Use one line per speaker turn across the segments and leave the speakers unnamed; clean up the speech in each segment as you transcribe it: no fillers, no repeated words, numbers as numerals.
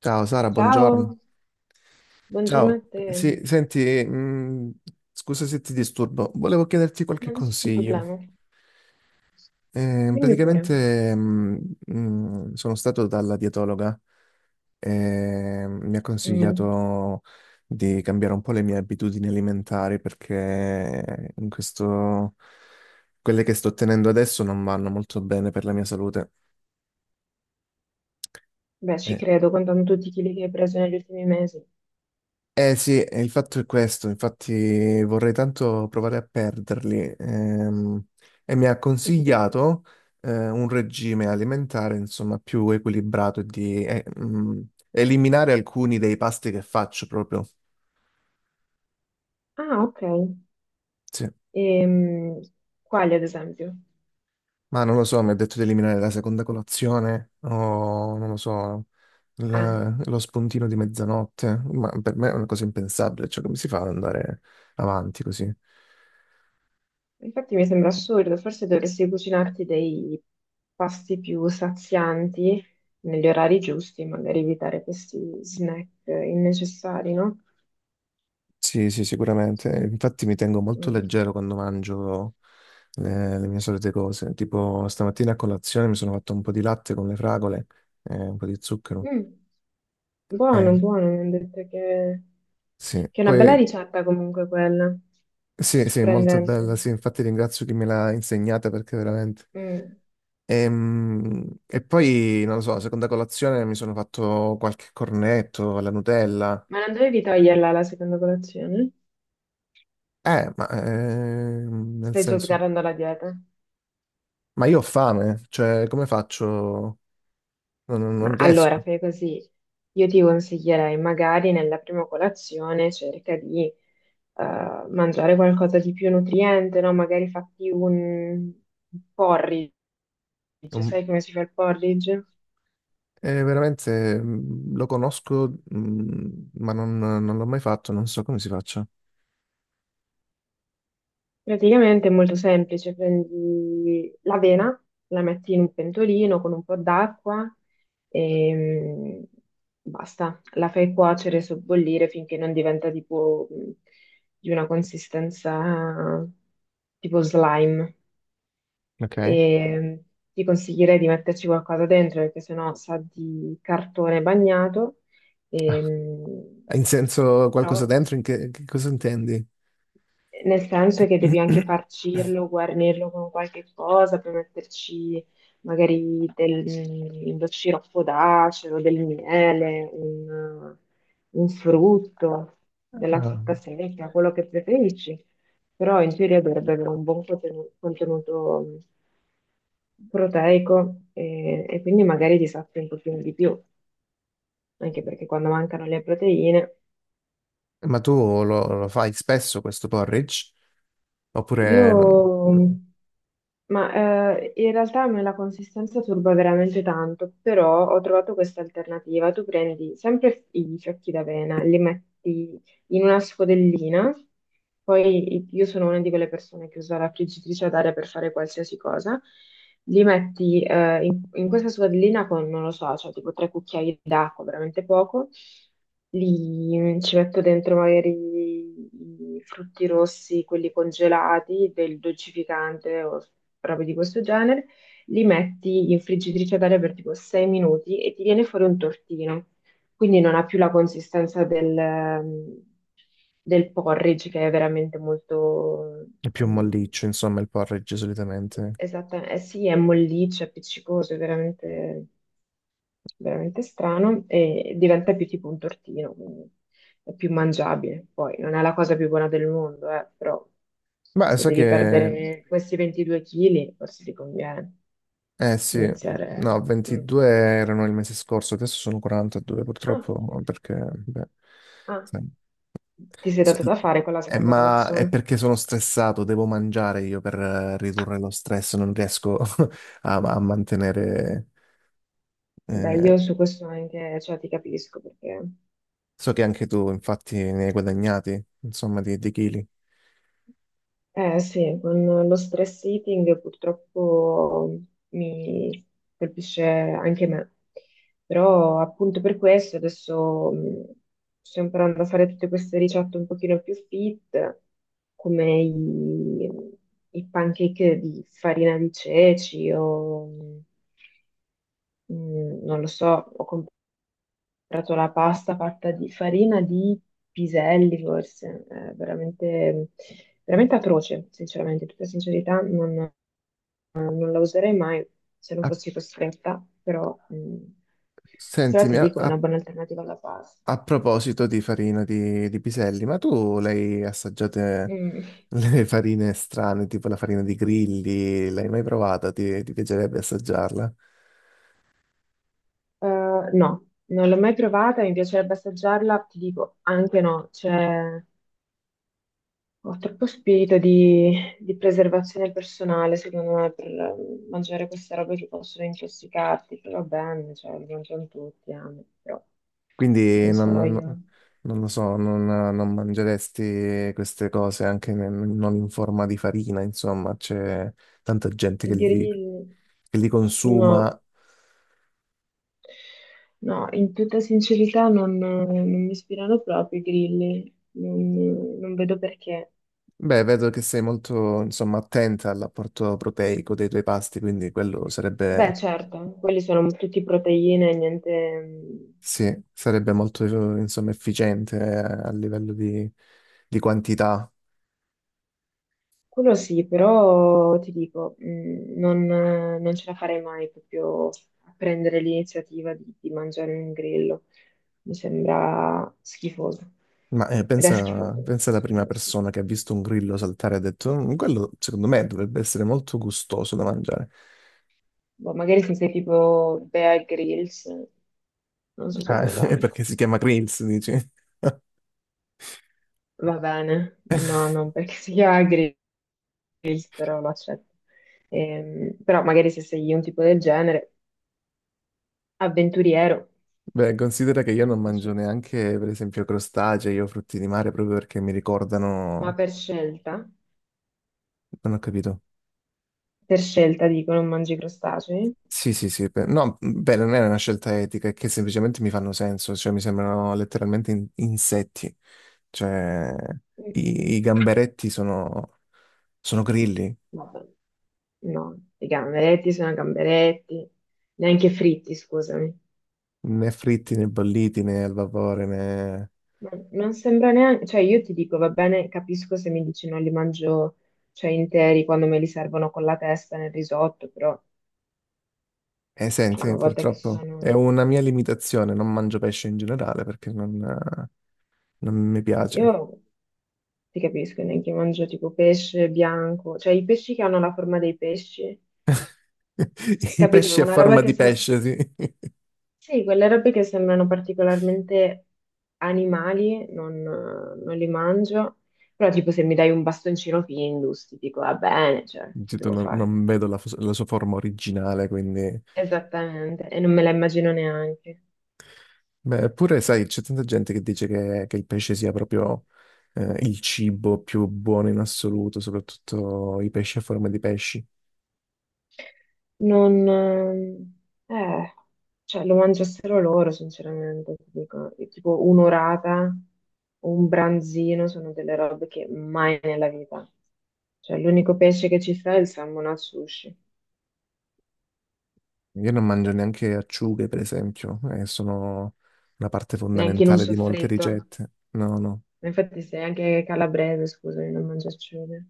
Ciao Sara, buongiorno.
Ciao, buongiorno a
Ciao.
te.
Sì, senti, scusa se ti disturbo, volevo chiederti qualche
Ma nessun
consiglio.
problema. Dimmi pure.
Praticamente sono stato dalla dietologa e mi ha
Mm.
consigliato di cambiare un po' le mie abitudini alimentari perché in questo, quelle che sto tenendo adesso non vanno molto bene per la mia salute.
Beh, ci credo, contando tutti i chili che hai preso negli ultimi mesi.
Eh sì, il fatto è questo, infatti vorrei tanto provare a perderli. E mi ha
Mhm.
consigliato un regime alimentare, insomma, più equilibrato e di eliminare alcuni dei pasti che faccio proprio.
Ah, ok.
Sì.
Ehm, Quali, ad esempio?
Ma non lo so, mi ha detto di eliminare la seconda colazione o non lo so,
Ah,
lo spuntino di mezzanotte, ma per me è una cosa impensabile, cioè come si fa ad andare avanti così?
infatti mi sembra assurdo, forse dovresti cucinarti dei pasti più sazianti negli orari giusti, magari evitare questi snack innecessari, no?
Sì, sì, sicuramente. Infatti mi tengo molto
Mm.
leggero quando mangio le mie solite cose. Tipo stamattina a colazione mi sono fatto un po' di latte con le fragole e un po' di zucchero.
Mm,
Eh,
buono, buono, mi hanno detto che
sì,
Che è una bella
poi
ricetta comunque quella,
sì, sì, molto
sorprendente.
bella, sì, infatti ringrazio chi me l'ha insegnata perché veramente...
Mm.
E, poi, non lo so, seconda colazione mi sono fatto qualche cornetto alla Nutella.
Ma non dovevi toglierla la seconda colazione?
Ma nel
Stai già
senso...
sgarrando la dieta.
Ma io ho fame, cioè come faccio?
Ma
Non
allora
riesco.
fai così, io ti consiglierei magari nella prima colazione cerca di mangiare qualcosa di più nutriente, no? Magari fatti un porridge,
È un-
sai come si fa il porridge?
è veramente, lo conosco, ma non l'ho mai fatto, non so come si faccia.
Praticamente è molto semplice, prendi l'avena, la metti in un pentolino con un po' d'acqua e basta, la fai cuocere, sobbollire finché non diventa tipo di una consistenza tipo slime.
Ok.
E ti consiglierei di metterci qualcosa dentro perché sennò sa di cartone bagnato.
Ah,
E,
in senso qualcosa
però...
dentro, in che cosa intendi?
Nel senso che devi anche farcirlo, guarnirlo con qualche cosa per metterci magari del, mm, lo sciroppo d'acero, del miele, un frutto, della
Ah,
frutta secca, quello che preferisci. Però in teoria dovrebbe avere un buon contenuto, proteico e quindi magari ti sazi un pochino di più, anche perché quando mancano le proteine.
ma tu lo fai spesso questo porridge? Oppure non-
Io ma in realtà a me la consistenza turba veramente tanto, però ho trovato questa alternativa. Tu prendi sempre i fiocchi d'avena, li metti in una scodellina, poi io sono una di quelle persone che usa la friggitrice ad aria per fare qualsiasi cosa, li metti in questa scodellina con, non lo so, cioè tipo tre cucchiai d'acqua, veramente poco, li, ci metto dentro magari i frutti rossi, quelli congelati, del dolcificante o robe di questo genere, li metti in friggitrice ad aria per tipo 6 minuti e ti viene fuori un tortino. Quindi non ha più la consistenza del, del porridge che è veramente molto,
È più un
mm,
molliccio, insomma, il porridge solitamente?
esattamente, eh sì, è molliccio, è appiccicoso, è veramente, veramente strano e diventa più tipo un tortino, quindi è più mangiabile. Poi non è la cosa più buona del mondo, però
Beh,
se
sai
devi
che...
perdere questi 22 kg, forse ti conviene
Eh sì,
iniziare.
no,
Mm.
22 erano il mese scorso, adesso sono 42
Ah,
purtroppo, perché... Beh,
ah,
sai.
ti sei
S-
dato da fare con la
eh,
seconda
ma è
colazione?
perché sono stressato, devo mangiare io per ridurre lo stress, non riesco a mantenere...
Beh,
eh,
io su questo anche, cioè, ti capisco perché.
so che anche tu, infatti, ne hai guadagnati, insomma, di chili.
Eh sì, con lo stress eating purtroppo mi colpisce anche me, però appunto per questo adesso sto imparando a fare tutte queste ricette un pochino più fit, come i pancake di farina di ceci o non lo so, ho comprato la pasta fatta di farina di piselli, forse, è veramente, veramente atroce, sinceramente, in tutta sincerità non, non la userei mai se non
Ah,
fossi costretta, però, mm, però ti
sentimi,
dico, è una buona alternativa alla pasta.
a proposito di farina di piselli, ma tu l'hai assaggiate
Mm.
le farine strane, tipo la farina di grilli, l'hai mai provata? Ti piacerebbe assaggiarla?
No, non l'ho mai provata, mi piacerebbe assaggiarla, ti dico, anche no, cioè, ho troppo spirito di preservazione personale, secondo me, per mangiare queste robe che possono intossicarti. Però va bene, cioè, li mangiano tutti, amo, però
Quindi
non
non,
sarò
non-
io.
Non lo so, non mangeresti queste cose anche non in forma di farina, insomma, c'è tanta gente
I
che
grilli,
che li
no.
consuma.
No, in tutta sincerità non, non mi ispirano proprio i grilli, non, non vedo perché.
Beh, vedo che sei molto, insomma, attenta all'apporto proteico dei tuoi pasti, quindi quello
Beh,
sarebbe,
certo, quelli sono tutti proteine, niente,
sì, sarebbe molto, insomma, efficiente a livello di quantità.
quello sì, però ti dico, non, non ce la farei mai proprio a prendere l'iniziativa di mangiare un grillo. Mi sembra schifoso.
Ma
Ed è schifoso,
pensa alla
secondo
prima
me è
persona
schifoso.
che ha visto un grillo saltare e ha detto: "Mm, quello secondo me dovrebbe essere molto gustoso da mangiare.
Boh, magari se sei tipo Bear Grylls, non so se
Ah,
lo
è
prendo.
perché si chiama grills, dici?
Va bene, no, non perché si chiama Grills, però lo accetto. Però magari se sei un tipo del genere, avventuriero,
Beh, considera che io
ma
non
per
mangio
scelta,
neanche, per esempio, crostacei o frutti di mare proprio perché mi
ma
ricordano.
per scelta,
Non ho capito.
per scelta dico, non mangi crostacei?
Sì, sì, sì. No, mhmm, beh, non è una scelta etica, è che semplicemente mi fanno senso, cioè mi sembrano letteralmente insetti. Cioè,
Mm.
i gamberetti sono, sono grilli.
Vabbè. No, i gamberetti sono gamberetti, neanche fritti, scusami.
Né fritti né bolliti né al vapore né...
Ma non sembra neanche, cioè io ti dico, va bene, capisco se mi dici non li mangio, cioè interi quando me li servono con la testa nel risotto, però cioè,
Senti,
una volta che
purtroppo
sono...
è una mia limitazione, non mangio pesce in generale perché non mi piace.
Io ti capisco, neanche mangio tipo pesce bianco, cioè i pesci che hanno la forma dei pesci,
I
capito?
pesci a
Una roba
forma
che
di
sa...
pesce, sì.
Sì, quelle robe che sembrano particolarmente animali, non, non li mangio, però tipo se mi dai un bastoncino Findus, ti dico va bene, cioè, che
Giusto,
devo fare?
non vedo la sua forma originale, quindi...
Esattamente, e non me la immagino neanche.
Beh, eppure, sai, c'è tanta gente che dice che il pesce sia proprio il cibo più buono in assoluto, soprattutto i pesci a forma di pesci.
Non, eh, cioè lo mangiassero loro, sinceramente, ti dico, e tipo un'orata o un branzino sono delle robe che mai nella vita. Cioè l'unico pesce che ci sta è il salmone al sushi,
Io non mangio neanche acciughe, per esempio, e sono una parte
neanche in un
fondamentale di molte
soffritto.
ricette. No, no.
Infatti sei anche calabrese, scusami, non mangia acciughe.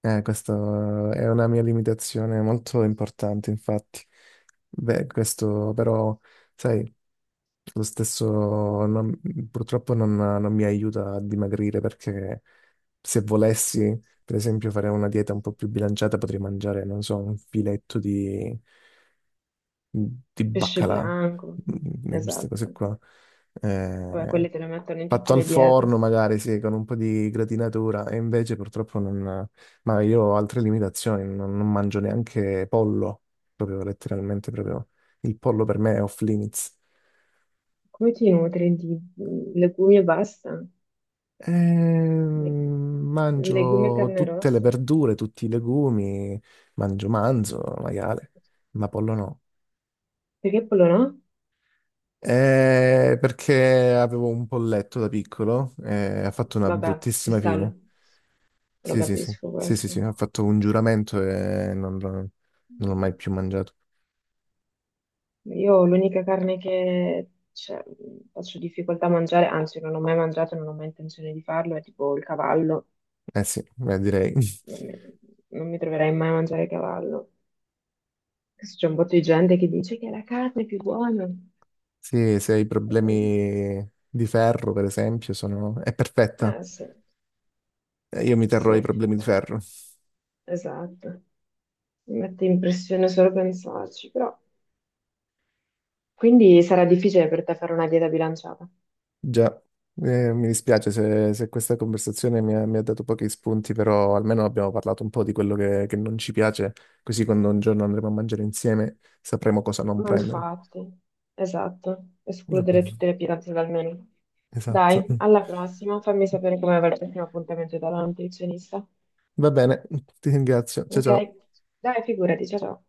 Questa è una mia limitazione molto importante, infatti. Beh, questo però, sai, lo stesso non- purtroppo non mi aiuta a dimagrire perché se volessi, per esempio, fare una dieta un po' più bilanciata, potrei mangiare, non so, un filetto di
Pesce
baccalà,
bianco,
di queste cose
esatto.
qua.
Vabbè,
Eh,
quelli te le mettono in tutte
fatto al
le diete.
forno magari, sì, con un po' di gratinatura, e invece purtroppo non... Ma io ho altre limitazioni, non mangio neanche pollo, proprio letteralmente, proprio il pollo per me è off limits.
Come ti nutri di legumi e basta? Le- legumi e
Mangio
carne
tutte le
rossa?
verdure, tutti i legumi, mangio manzo, maiale, ma pollo no.
Perché quello no?
Perché avevo un polletto da piccolo e ha fatto una
Vabbè, ci
bruttissima
sta,
fine.
lo
Sì, sì, sì,
capisco
sì, sì,
questo.
sì, ha fatto un giuramento e non l'ho mai più mangiato.
Io l'unica carne che cioè, faccio difficoltà a mangiare, anzi non ho mai mangiato, non ho mai intenzione di farlo, è tipo il cavallo.
Eh sì, beh, direi.
Non mi, non mi troverai mai a mangiare cavallo. Adesso c'è un botto di gente che dice che la carne è più buona.
Sì, se hai problemi di ferro, per esempio, sono... è perfetta.
Ah, sì,
Io mi
sì,
terrò i problemi di ferro.
esatto. Mi mette impressione solo pensarci, però. Quindi sarà difficile per te fare una dieta bilanciata.
Già, mi dispiace se, se questa conversazione mi ha dato pochi spunti, però almeno abbiamo parlato un po' di quello che non ci piace, così quando un giorno andremo a mangiare insieme sapremo cosa non
Ma
prendere.
infatti, esatto, escludere tutte le pietanze dal menù.
Esatto.
Dai, alla prossima, fammi sapere come va il prossimo appuntamento dalla nutrizionista.
Va bene, ti ringrazio. Ciao
Ok?
ciao.
Dai, figurati, ciao ciao.